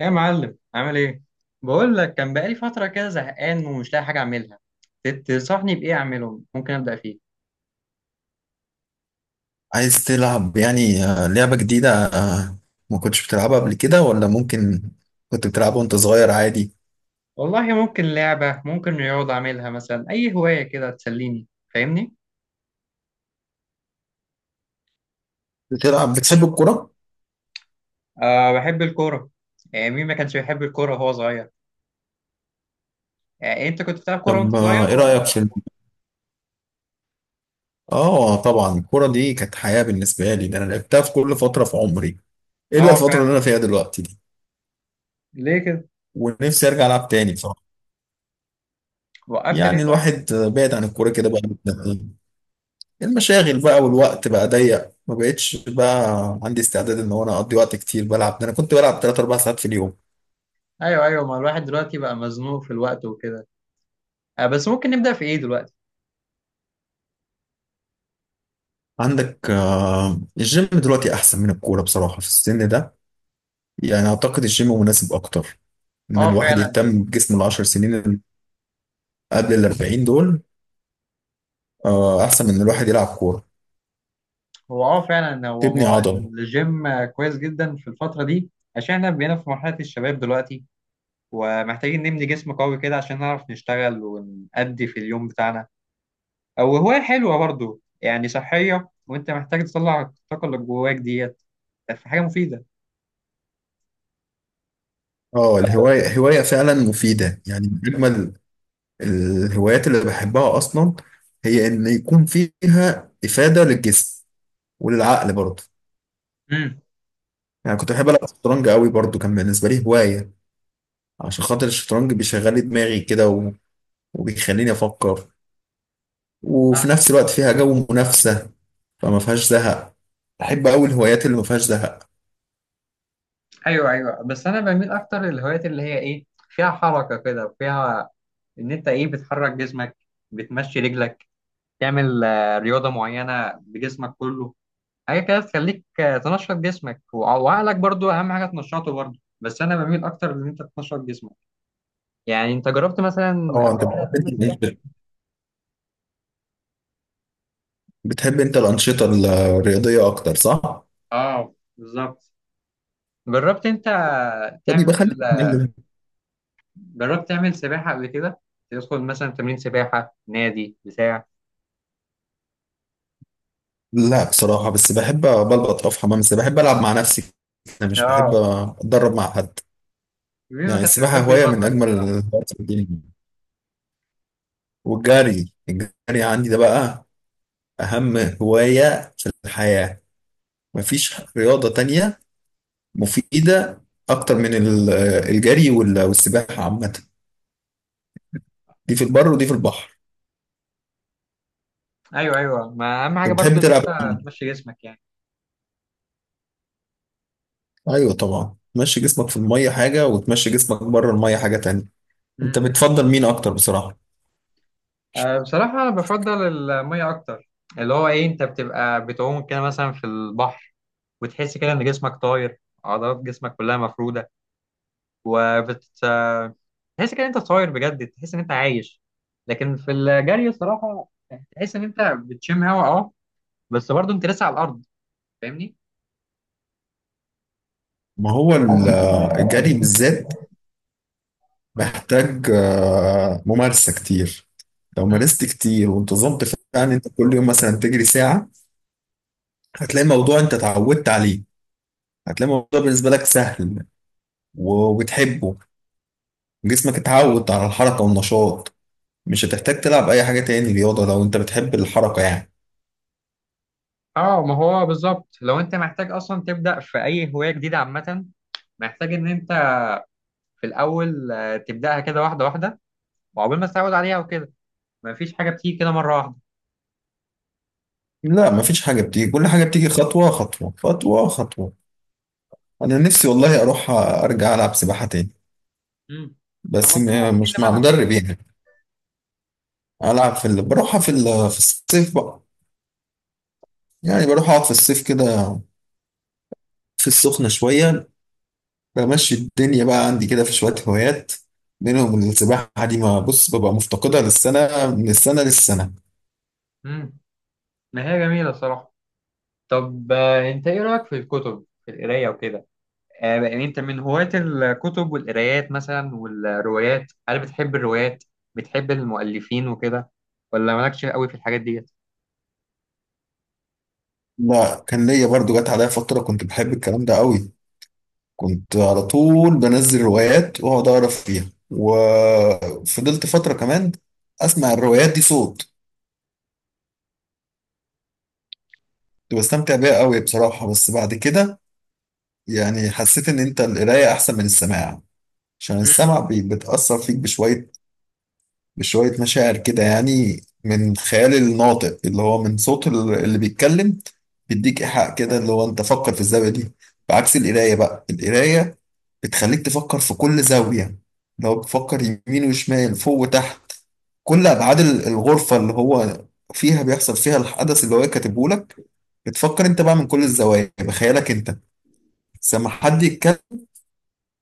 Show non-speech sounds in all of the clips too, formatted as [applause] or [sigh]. يا معلم عامل ايه؟ بقول لك كان بقالي فتره كده زهقان ومش لاقي حاجه اعملها. تنصحني بايه اعمله ممكن ابدا فيه؟ عايز تلعب يعني لعبة جديدة ما كنتش بتلعبها قبل كده ولا ممكن كنت بتلعبها وانت صغير عادي. والله ممكن لعبه ممكن رياضه اعملها مثلا اي هوايه كده تسليني. فاهمني؟ بتحب الكرة؟ أه بحب الكوره. يعني مين ما كانش بيحب الكوره وهو صغير؟ يعني انت كنت بتلعب كوره وانت طب صغير ايه رأيك ولا؟ في اه طبعا الكرة دي كانت حياة بالنسبة لي، ده انا لعبتها في كل فترة في عمري إيه الا اه الفترة اللي انا فعلا. فيها دلوقتي دي. ليه كده؟ ونفسي ارجع العب تاني بصراحة. وقفت ليه يعني طيب؟ الواحد بعد عن الكورة كده بقى له سنتين. المشاغل بقى والوقت بقى ضيق، ما بقتش بقى عندي استعداد ان هو انا اقضي وقت كتير بلعب، ده انا كنت بلعب 3 4 ساعات في اليوم. ايوه ايوه، ما الواحد دلوقتي بقى مزنوق في الوقت وكده. أه بس ممكن نبدا في ايه دلوقتي؟ عندك الجيم دلوقتي احسن من الكوره بصراحه في السن ده. يعني اعتقد الجيم مناسب اكتر ان اه الواحد فعلا. يهتم بجسمه العشر سنين اللي قبل الاربعين دول احسن من إن الواحد يلعب كوره، هو اه فعلا هو تبني عضل. الجيم كويس جدا في الفترة دي. عشان احنا بقينا في مرحلة الشباب دلوقتي، ومحتاجين نبني جسم قوي كده عشان نعرف نشتغل ونأدي في اليوم بتاعنا. او هواية حلوة برضو، يعني صحية، وانت محتاج تطلع الطاقة اللي جواك ديت في حاجة مفيدة. اه، الهوايه هوايه فعلا مفيده، يعني من اجمل الهوايات اللي بحبها اصلا هي ان يكون فيها افاده للجسم وللعقل برضه. امم يعني كنت بحب العب شطرنج قوي برضه، كان بالنسبه لي هوايه عشان خاطر الشطرنج بيشغل لي دماغي كده وبيخليني افكر، وفي نفس الوقت فيها جو منافسة فما فيهاش زهق. بحب أوي الهوايات اللي ما فيهاش زهق. ايوه ايوه، بس انا بميل اكتر للهوايات اللي هي ايه فيها حركه كده، وفيها ان انت ايه بتحرك جسمك، بتمشي رجلك، تعمل رياضه معينه بجسمك كله. حاجه كده تخليك تنشط جسمك وعقلك برضو، اهم حاجه تنشطه برضو، بس انا بميل اكتر ان انت تنشط جسمك. يعني انت جربت مثلا اه، قبل انت كده بتحب انت تعمل سباحه؟ الأنشطة بتحب انت الأنشطة الرياضية أكتر صح؟ اه بالظبط. جربت انت تعمل، فبيبقى خليك تتكلم. جربت تعمل سباحه قبل كده؟ تدخل مثلا تمرين سباحه نادي بتاع؟ لا بصراحة بس بحب بلبط أقف حمام، بس بحب ألعب مع نفسي. أنا مش بحب اه. أتدرب مع حد. مين ما يعني كانش السباحة بيحب هواية يبطل من أجمل الصراحه؟ الهوايات في الدنيا. والجري، الجري عندي ده بقى أهم هواية في الحياة. مفيش رياضة تانية مفيدة أكتر من الجري والسباحة عامة، دي في البر ودي في البحر. ايوه ايوه، ما اهم حاجه أنت بتحب برضو ان تلعب انت إيه؟ تمشي جسمك يعني. أيوه طبعا تمشي جسمك في المية حاجة وتمشي جسمك بره المية حاجة تانية. أنت امم بتفضل مين أكتر بصراحة؟ أه بصراحه انا بفضل الميه اكتر. اللي هو ايه انت بتبقى بتعوم كده مثلا في البحر، وتحس كده ان جسمك طاير، عضلات جسمك كلها مفروده، وبت تحس كده إن انت طاير بجد، تحس ان انت عايش. لكن في الجري الصراحه تحس ان انت بتشم هوا، اه، بس برضه انت لسه على الارض. فاهمني؟ ما هو الجري بالذات محتاج ممارسة كتير. لو مم. مارست كتير وانتظمت فعلا أنت كل يوم مثلا تجري ساعة هتلاقي الموضوع أنت اتعودت عليه، هتلاقي الموضوع بالنسبة لك سهل وبتحبه. جسمك اتعود على الحركة والنشاط، مش هتحتاج تلعب اي حاجة تاني رياضة لو انت بتحب الحركة يعني. اه، ما هو بالظبط لو انت محتاج اصلا تبدا في اي هوايه جديده عامه، محتاج ان انت في الاول تبداها كده واحده واحده، وعقبال ما تتعود عليها وكده. مفيش حاجه بتيجي كده مره واحده. لا مفيش حاجة بتيجي، كل حاجة بتيجي خطوة خطوة خطوة خطوة. انا نفسي والله اروح ارجع العب سباحة تاني امم. طب بس ما تروح، ايه اللي مش مع منعك؟ مدرب يعني. العب بروحها في الصيف بقى. يعني بروح اقعد في الصيف كده في السخنة شوية، بمشي الدنيا بقى عندي كده في شوية هوايات منهم السباحة دي، ما بص ببقى مفتقدها للسنة من السنة للسنة. امم. ما هي جميله الصراحه. طب انت ايه رأيك في الكتب، في القراية وكده؟ يعني انت من هواة الكتب والقرايات مثلا والروايات؟ هل بتحب الروايات؟ بتحب المؤلفين وكده ولا مالكش قوي في الحاجات ديت؟ لا كان ليا برضو جت عليا فترة كنت بحب الكلام ده قوي، كنت على طول بنزل روايات واقعد اقرا فيها وفضلت فتره كمان اسمع الروايات دي صوت. كنت بستمتع بيها قوي بصراحه بس بعد كده يعني حسيت ان انت القرايه احسن من السماع. عشان مم. السمع بتاثر فيك بشويه، بشويه مشاعر كده يعني من خيال الناطق اللي هو من صوت اللي بيتكلم، بيديك ايحاء كده اللي هو انت فكر في الزاويه دي. بعكس القرايه، بقى القرايه بتخليك تفكر في كل زاويه، لو بتفكر يمين وشمال فوق وتحت كل ابعاد الغرفه اللي هو فيها بيحصل فيها الحدث اللي هو كاتبه لك، بتفكر انت بقى من كل الزوايا بخيالك انت. بس لما حد يتكلم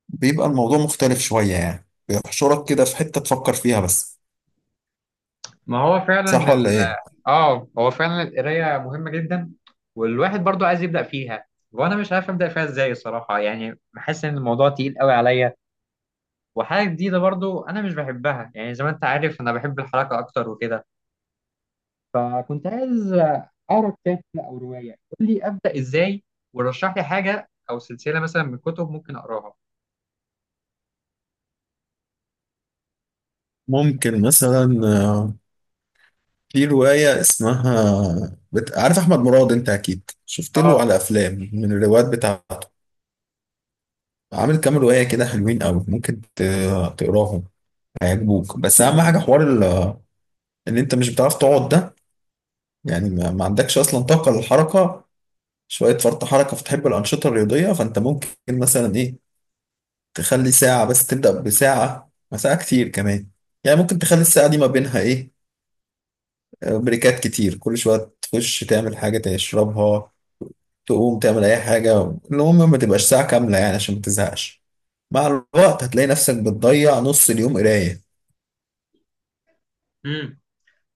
بيبقى الموضوع مختلف شويه، يعني بيحشرك كده في حته تفكر فيها بس. ما هو فعلا صح ال... ولا ايه؟ اه، هو فعلا القراية مهمة جدا. والواحد برضو عايز يبدأ فيها، وانا مش عارف ابدأ فيها ازاي الصراحة. يعني بحس ان الموضوع تقيل قوي عليا، وحاجة جديدة، برضو انا مش بحبها، يعني زي ما انت عارف انا بحب الحركة اكتر وكده. فكنت عايز اقرا كتاب كده او روايه. قول لي ابدا ازاي، ورشح لي حاجه او سلسله مثلا من كتب ممكن اقراها. ممكن مثلا في رواية اسمها عارف أحمد مراد؟ أنت أكيد شفت له اه. على أفلام من الروايات بتاعته. عامل كام رواية كده حلوين أوي، ممكن تقراهم هيعجبوك. بس أهم حاجة حوار إن أنت مش بتعرف تقعد ده، يعني ما عندكش اصلا طاقه للحركه، شويه فرط حركه فتحب الانشطه الرياضيه. فانت ممكن مثلا ايه تخلي ساعه بس، تبدا بساعه ما ساعه كتير كمان. يعني ممكن تخلي الساعه دي ما بينها ايه بريكات كتير، كل شويه تخش تعمل حاجه تشربها، تقوم تعمل اي حاجه. المهم ما تبقاش ساعه كامله يعني عشان ما تزهقش. مع الوقت هتلاقي نفسك بتضيع نص اليوم قرايه. امم.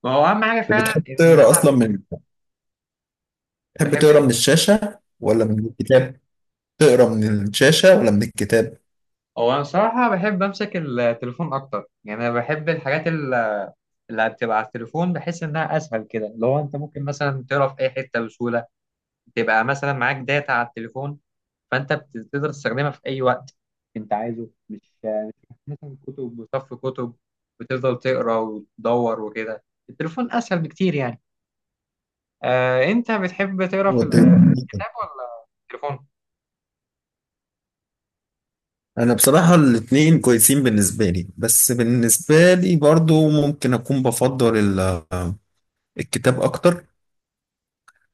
ما هو اهم حاجه أنت فعلا بتحب ان تقرا انا اصلا من، بتحب بحب تقرا ايه. من الشاشه ولا من الكتاب؟ تقرا من الشاشه ولا من الكتاب؟ هو انا صراحه بحب امسك التليفون اكتر. يعني انا بحب الحاجات اللي هتبقى على التليفون، بحس انها اسهل كده. لو انت ممكن مثلا تقرا في اي حته بسهوله، تبقى مثلا معاك داتا على التليفون، فانت تقدر تستخدمها في اي وقت انت عايزه، مش مثلا كتب، وصف كتب، وتفضل تقرا وتدور وكده. التليفون اسهل بكتير يعني. آه، انت بتحب تقرا هو في الكتاب ولا التليفون؟ انا بصراحة الاتنين كويسين بالنسبة لي، بس بالنسبة لي برضو ممكن اكون بفضل الكتاب اكتر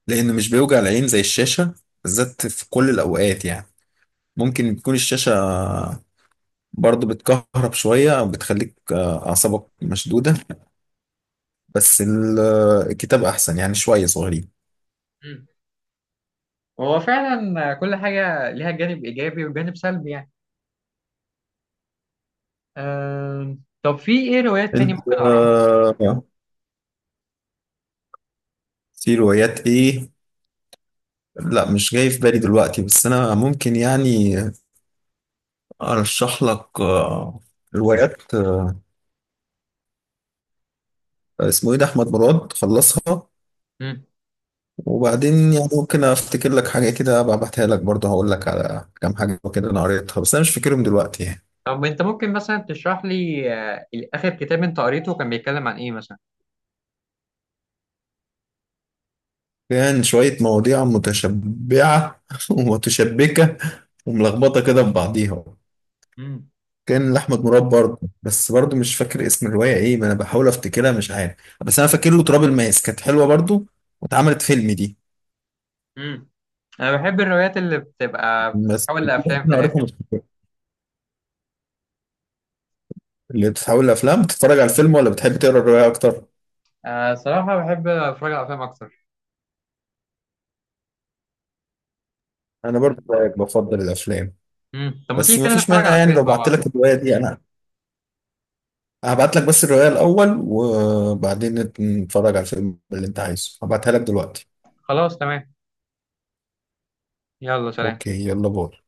لانه مش بيوجع العين زي الشاشة بالذات في كل الاوقات يعني. ممكن تكون الشاشة برضو بتكهرب شوية او بتخليك اعصابك مشدودة، بس الكتاب احسن يعني شوية صغيرين. مم. هو فعلا كل حاجه ليها جانب ايجابي وجانب سلبي يعني. آه، طب في ايه روايات تاني انت ممكن اقراها؟ آه، في روايات ايه؟ لا مش جاي في بالي دلوقتي، بس انا ممكن يعني ارشح لك روايات. اسمه ايه ده، احمد مراد خلصها. مم. وبعدين يعني ممكن افتكر لك حاجه كده ابقى ابعتها لك برضه، هقول لك على كام حاجه كده انا قريتها بس انا مش فاكرهم دلوقتي يعني. طب انت ممكن مثلا تشرح لي، آه، اخر كتاب انت قريته كان بيتكلم عن ايه مثلا؟ كان شويه مواضيع متشبعه [laughs] ومتشبكه وملخبطه كده في بعضيها، مم. كان لاحمد مراد برضه بس برضه مش فاكر اسم الروايه ايه، ما انا بحاول افتكرها مش عارف. بس انا فاكر له تراب الماس، كانت حلوه برضه واتعملت فيلم دي. مم. انا بحب الروايات اللي بتبقى بس بتتحول لافلام في انا الاخر. قريتها مش فاكر. اللي بتتحول لافلام بتتفرج على الفيلم ولا بتحب تقرا الروايه اكتر؟ آه صراحه بحب اتفرج على افلام اكتر. انا برضو زيك بفضل الافلام، مم. طب ما بس تيجي ما كده فيش نتفرج مانع على يعني فيلم لو مع بعت بعض؟ لك الروايه دي انا هبعت لك بس الروايه الاول، وبعدين نتفرج على الفيلم اللي انت عايزه. هبعتها لك دلوقتي. خلاص تمام. يلا سلام. اوكي، يلا باي.